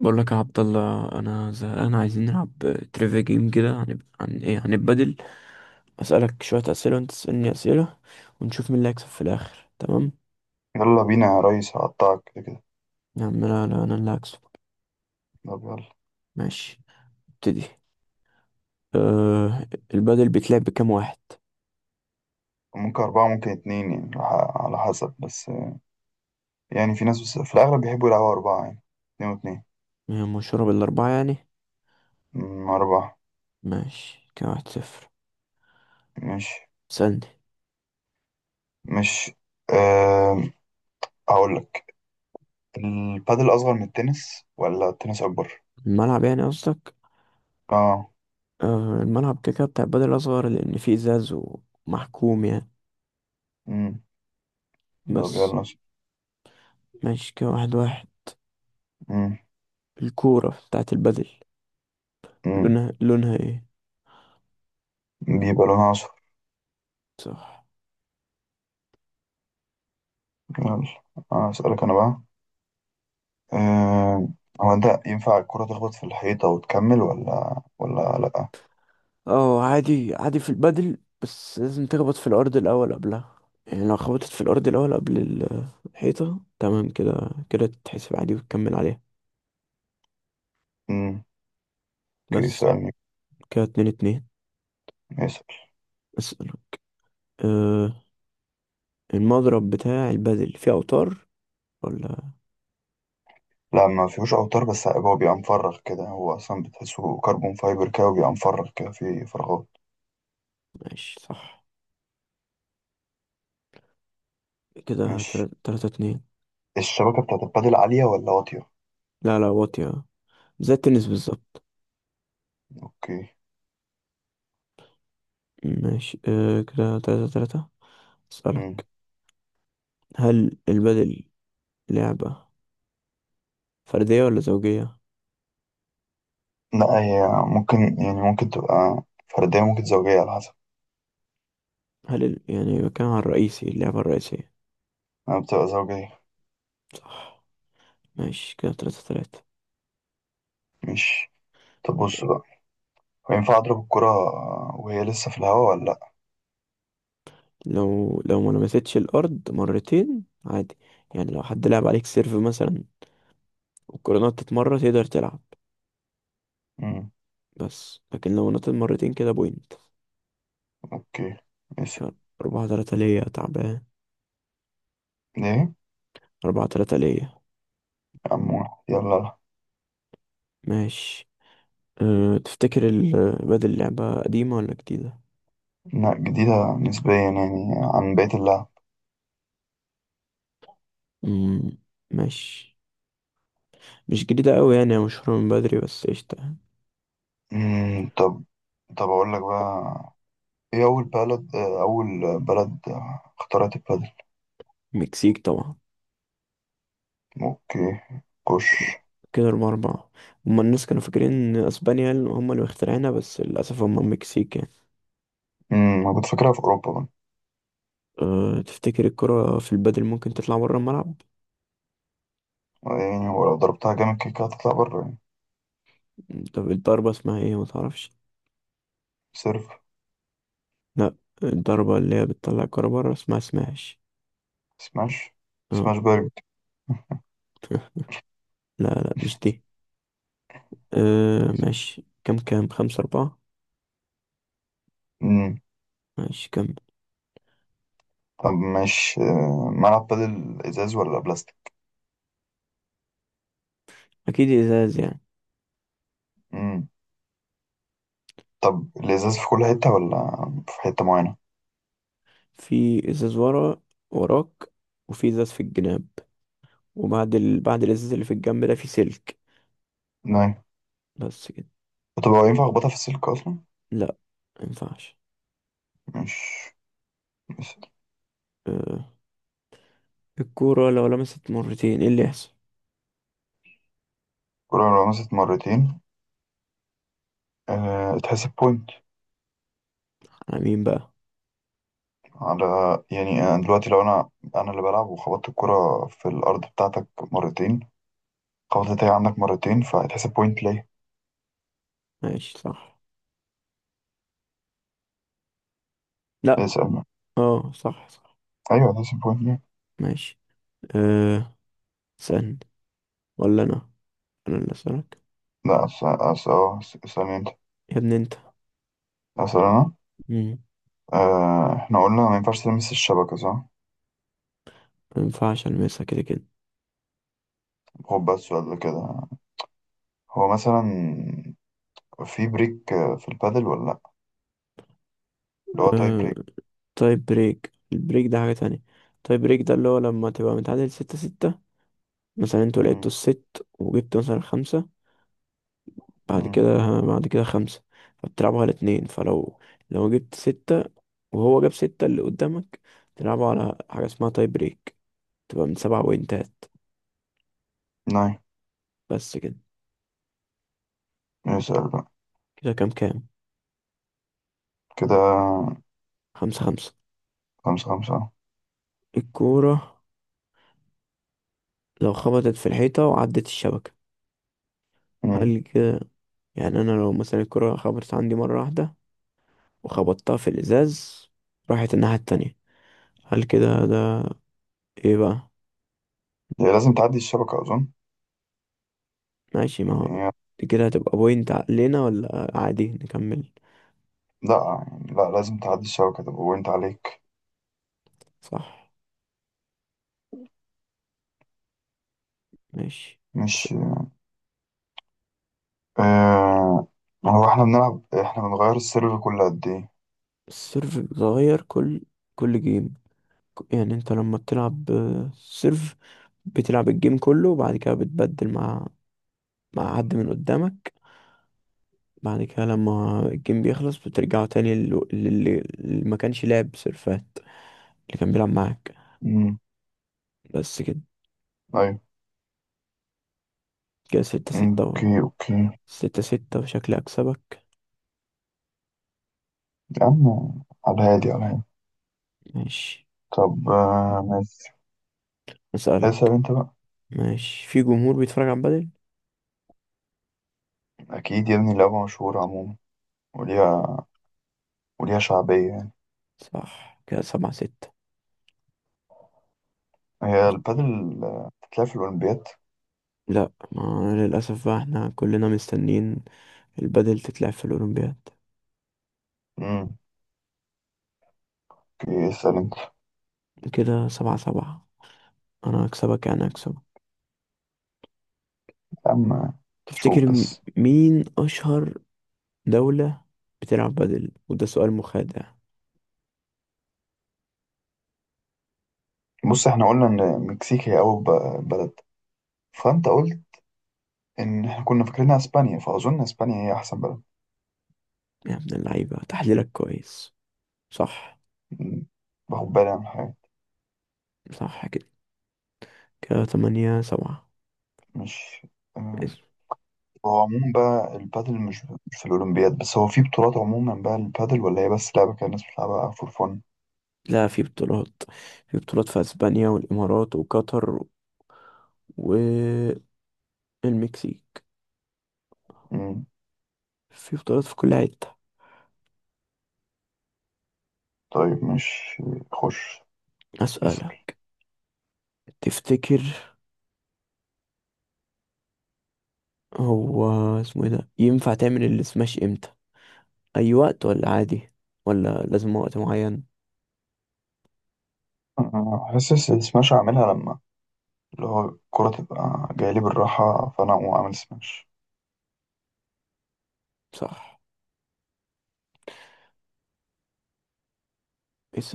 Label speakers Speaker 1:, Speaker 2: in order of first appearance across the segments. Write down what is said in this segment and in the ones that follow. Speaker 1: بقول لك يا عبد الله، انا زهقان. عايزين نلعب تريفيا جيم كده عن ايه، عن البدل. اسالك شويه اسئله وانت تسالني اسئله ونشوف مين اللي هيكسب في الاخر. تمام؟
Speaker 2: يلا بينا يا ريس، هقطعك كده كده.
Speaker 1: يا عم، لا لا، انا اللي هكسب.
Speaker 2: طب يلا.
Speaker 1: ماشي، ابتدي. أه. البدل بيتلعب بكام واحد؟
Speaker 2: ممكن أربعة، ممكن اتنين، يعني على حسب بس، يعني في ناس، بس في الأغلب بيحبوا يلعبوا أربعة يعني، اتنين واتنين.
Speaker 1: يعني مشهوره بالاربعه يعني.
Speaker 2: أربعة.
Speaker 1: ماشي. كام؟ 1-0.
Speaker 2: مش.
Speaker 1: سألني.
Speaker 2: مش. أه. هقولك. البادل أصغر من التنس ولا التنس أكبر؟
Speaker 1: الملعب يعني قصدك؟
Speaker 2: اه.
Speaker 1: أه، الملعب كده كده بتاع البدل اصغر، لان فيه ازاز ومحكوم يعني.
Speaker 2: أمم، طب
Speaker 1: بس.
Speaker 2: يلا.
Speaker 1: ماشي. كده 1-1.
Speaker 2: أمم،
Speaker 1: الكوره بتاعت البدل
Speaker 2: أمم،
Speaker 1: لونها ايه؟
Speaker 2: بيبقى لونها أصفر.
Speaker 1: صح.
Speaker 2: يلا. أنا أسألك أنا بقى. أه. هو أنت ينفع الكرة تخبط في الحيطة وتكمل ولا لأ؟
Speaker 1: اه، عادي عادي في البدل، بس لازم تخبط في الأرض الأول قبلها. يعني لو خبطت في الأرض الأول قبل الحيطة، تمام كده، كده تتحسب عادي وتكمل عليها.
Speaker 2: أمم، اوكي.
Speaker 1: بس.
Speaker 2: سؤال.
Speaker 1: كده 2-2.
Speaker 2: يسأل.
Speaker 1: اسأل. أه. المضرب بتاع البدل فيه أوتار ولا؟
Speaker 2: لا، ما فيهوش اوتار، بس هو بيبقى مفرغ كده، هو اصلا بتحسه كربون فايبر كده وبيبقى مفرغ كده في فراغات.
Speaker 1: ماشي، صح. كده
Speaker 2: مش.
Speaker 1: 3-3 اتنين.
Speaker 2: الشبكه بتاعت البادل عاليه ولا واطيه؟
Speaker 1: لا لا، واطية، زي التنس بالظبط.
Speaker 2: اوكي.
Speaker 1: ماشي. أه كده 3-3.
Speaker 2: مم.
Speaker 1: اسألك. هل البدل لعبة فردية ولا زوجية؟
Speaker 2: لا، هي ممكن، ممكن تبقى فرديه، ممكن زوجيه، على حسب.
Speaker 1: هل يعني بتكلم على الرئيسي، اللعبة الرئيسية.
Speaker 2: انا بتبقى زوجيه.
Speaker 1: صح. ماشي كده 3-3.
Speaker 2: مش. طب بص بقى، هو ينفع اضرب الكره وهي لسه في الهواء، ولا لا؟
Speaker 1: لو ما لمستش الأرض مرتين عادي. يعني لو حد لعب عليك سيرف مثلا والكرة نطت مرة تقدر تلعب.
Speaker 2: مم.
Speaker 1: بس لكن لو نطت مرتين كده بوينت.
Speaker 2: اوكي. يسأل.
Speaker 1: كان 4-3 ليا. تعبان.
Speaker 2: ليه يا
Speaker 1: 4-3 ليا.
Speaker 2: عم؟ واحد. يلا لا.
Speaker 1: ماشي. أه، تفتكر بدل اللعبة قديمة ولا جديدة؟
Speaker 2: لا، جديده نسبيا يعني عن بقيه اللعب.
Speaker 1: مم. ماشي. مش جديدة أوي يعني، هي مشهورة من بدري، بس قشطة.
Speaker 2: مم. طب، طب أقول لك بقى، ايه أول بلد اخترعت البادل؟
Speaker 1: مكسيك طبعا.
Speaker 2: اوكي. كوش.
Speaker 1: ك- كده 4-4. هما الناس كانوا فاكرين إن أسبانيا اللي هما اللي مخترعينها، بس للأسف هما المكسيك يعني.
Speaker 2: أنا كنت فاكرها في أوروبا بقى.
Speaker 1: أه، تفتكر الكرة في البادل ممكن تطلع برا الملعب؟
Speaker 2: يعني ولو ضربتها جامد كده كده هتطلع بره يعني.
Speaker 1: طب الضربة اسمها ايه، متعرفش؟
Speaker 2: سيرف.
Speaker 1: لأ. الضربة اللي هي بتطلع الكرة برا اسمها سماش.
Speaker 2: سماش. سماش
Speaker 1: اه.
Speaker 2: بارد.
Speaker 1: لا لا، مش دي. أه ماشي. كام 5-4.
Speaker 2: امم
Speaker 1: ماشي. كام؟
Speaker 2: طب ماشي، ملعب بادل إزاز ولا بلاستيك؟
Speaker 1: أكيد إزاز يعني.
Speaker 2: امم. طب الإزاز في كل حتة ولا في حتة معينة؟
Speaker 1: في إزاز وراك، وفي إزاز في الجناب. وبعد ال... بعد الإزاز اللي في الجنب ده في سلك.
Speaker 2: نعم.
Speaker 1: بس كده.
Speaker 2: طب هو ينفع أخبطها في السلك أصلا؟
Speaker 1: لا، مينفعش.
Speaker 2: مش. مش.
Speaker 1: أه. الكورة لو لمست مرتين ايه اللي يحصل؟
Speaker 2: الكرة لو مسكت مرتين تحسب بوينت.
Speaker 1: على مين بقى؟
Speaker 2: على. يعني أنا دلوقتي، لو أنا اللي بلعب وخبطت الكرة في الأرض بتاعتك مرتين، خبطت هي عندك مرتين، فهتحسب بوينت ليا.
Speaker 1: ماشي، صح. لا.
Speaker 2: اسأل.
Speaker 1: اه، صح صح.
Speaker 2: أيوه هتحسب بوينت ليا.
Speaker 1: ماشي. أه. سن ولا انا اللي اسألك.
Speaker 2: لا، اسأل أنت.
Speaker 1: يا ابني انت.
Speaker 2: أسأل أنا.
Speaker 1: مم.
Speaker 2: إحنا قلنا ما ينفعش تلمس الشبكة، صح؟
Speaker 1: مينفعش المسها كده كده.
Speaker 2: خد بقى السؤال ده كده. هو مثلا في بريك في البادل ولا لأ؟ اللي هو تاي
Speaker 1: أه.
Speaker 2: بريك.
Speaker 1: طيب البريك ده حاجة تانية. طيب بريك ده اللي هو لما تبقى متعادل 6-6 مثلا. انتوا لعبتوا
Speaker 2: مم،
Speaker 1: الست وجبتوا مثلا خمسة. بعد
Speaker 2: مم.
Speaker 1: كده بعد كده خمسة. فبتلعبوا على اتنين. فلو جبت ستة وهو جاب ستة اللي قدامك، تلعبوا على حاجة اسمها تاي بريك، تبقى من 7 بوينتات.
Speaker 2: ناي.
Speaker 1: بس كده.
Speaker 2: اسأل بقى.
Speaker 1: كده كام
Speaker 2: كده
Speaker 1: 5-5.
Speaker 2: خمسة خمسة.
Speaker 1: الكورة لو خبطت في الحيطة وعدت الشبكة،
Speaker 2: مم.
Speaker 1: هل كده؟ يعني أنا لو مثلا الكورة خبطت عندي مرة واحدة وخبطتها في الإزاز، راحت الناحية التانية، هل كده ده إيه بقى؟
Speaker 2: هي لازم تعدي الشبكة أظن.
Speaker 1: ماشي. ما هو
Speaker 2: يعني
Speaker 1: دي كده هتبقى بوينت علينا ولا عادي نكمل؟
Speaker 2: لا، يعني لا لازم تعدي الشبكة، تبقى بوينت عليك.
Speaker 1: صح. ماشي. س-
Speaker 2: مش. آه هو احنا بنغير السيرفر كل قد ايه؟
Speaker 1: السيرف بيتغير كل جيم. يعني انت لما بتلعب سيرف، بتلعب الجيم كله وبعد كده بتبدل مع حد من قدامك. بعد كده لما الجيم بيخلص بترجعوا تاني لل- للي اللي ما كانش لعب سيرفات، اللي كان بيلعب معاك.
Speaker 2: امم.
Speaker 1: بس كده.
Speaker 2: ايوه.
Speaker 1: كده ستة
Speaker 2: مم،
Speaker 1: ستة
Speaker 2: اوكي اوكي.
Speaker 1: 6-6 وشكلي أكسبك.
Speaker 2: يا عم، على الهادي على الهادي.
Speaker 1: ماشي.
Speaker 2: طب ماشي. اسأل
Speaker 1: أسألك.
Speaker 2: انت بقى.
Speaker 1: ماشي. في جمهور بيتفرج على بدل؟
Speaker 2: اكيد يا ابني، لعبة مشهورة عموما، وليها وليها شعبية يعني.
Speaker 1: صح. كده 7-6.
Speaker 2: هي البادل بتتلعب في الأولمبياد؟
Speaker 1: لا، ما للأسف بقى، احنا كلنا مستنين البدل تتلعب في الأولمبياد.
Speaker 2: امم اوكي اسأل انت.
Speaker 1: كده 7-7. أنا هكسبك يعني، هكسبك.
Speaker 2: يا عم شوف
Speaker 1: تفتكر
Speaker 2: بس.
Speaker 1: مين أشهر دولة بتلعب بدل؟ وده سؤال مخادع.
Speaker 2: بص، احنا قلنا ان مكسيك هي أول بلد، فانت قلت ان احنا كنا فاكرينها اسبانيا، فاظن اسبانيا هي احسن بلد.
Speaker 1: يا ابن اللعيبة، تحليلك كويس. صح.
Speaker 2: م- باخد بالي من الحاجات.
Speaker 1: صح كده. كده 8-7.
Speaker 2: مش. آه،
Speaker 1: ماشي.
Speaker 2: هو عموما بقى البادل مش في الاولمبياد بس، هو في بطولات عموما بقى البادل، ولا هي بس لعبه كده الناس بتلعبها فور فن؟
Speaker 1: لا، في بطولات في أسبانيا والإمارات وقطر والمكسيك.
Speaker 2: مم.
Speaker 1: في بطولات في كل حتة.
Speaker 2: طيب مش. خش.
Speaker 1: أسألك.
Speaker 2: اسال.
Speaker 1: تفتكر هو اسمه ايه ده، ينفع تعمل السماش امتى؟ اي وقت ولا عادي؟ ولا لازم وقت معين؟
Speaker 2: أنا حاسس السماش اعملها لما، اللي هو الكرة تبقى جاية لي بالراحة، فأنا أقوم أعمل سماش.
Speaker 1: صح.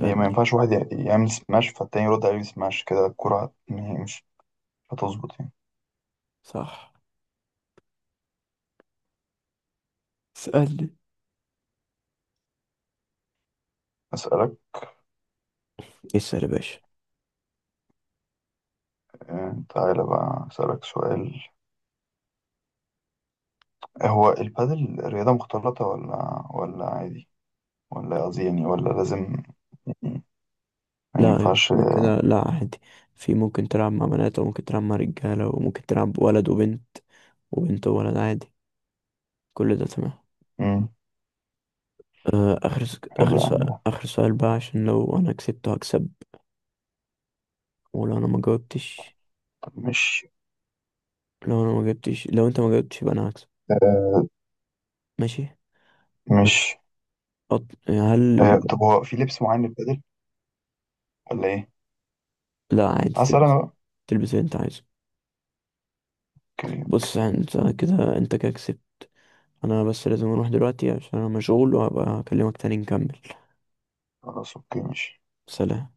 Speaker 2: هي ما ينفعش واحد يعمل سماش فالتاني يرد عليه سماش، كده الكرة مش هتظبط يعني.
Speaker 1: صح. اسألني.
Speaker 2: أسألك.
Speaker 1: اسأل يا باشا.
Speaker 2: تعالى بقى أسألك سؤال. هو البادل رياضة مختلطة ولا عادي، ولا قصدي يعني، ولا لازم يعني ما
Speaker 1: لا
Speaker 2: ينفعش؟
Speaker 1: كده كده. لا عادي. في ممكن تلعب مع بنات وممكن تلعب مع رجالة وممكن تلعب ولد وبنت وبنت وولد عادي. كل ده تمام.
Speaker 2: مم.
Speaker 1: آه، آخر س- آخر
Speaker 2: حلو يا عم
Speaker 1: سؤال
Speaker 2: ده.
Speaker 1: آخر سؤال بقى عشان لو أنا كسبت هكسب. ولو أنا ما جاوبتش.
Speaker 2: طب مش.
Speaker 1: لو أنا ما جاوبتش لو أنت ما جاوبتش يبقى أنا هكسب. ماشي.
Speaker 2: مش
Speaker 1: أط... هل
Speaker 2: طب هو في لبس معين للبادل ولا إيه؟
Speaker 1: لا عادي،
Speaker 2: هسأل
Speaker 1: تلبس
Speaker 2: أنا بقى.
Speaker 1: تلبس اللي انت عايزه.
Speaker 2: أوكي.
Speaker 1: بص انت كده كسبت. انا بس لازم اروح دلوقتي عشان انا مشغول، وهبقى اكلمك تاني نكمل.
Speaker 2: خلاص أوكي ماشي.
Speaker 1: سلام.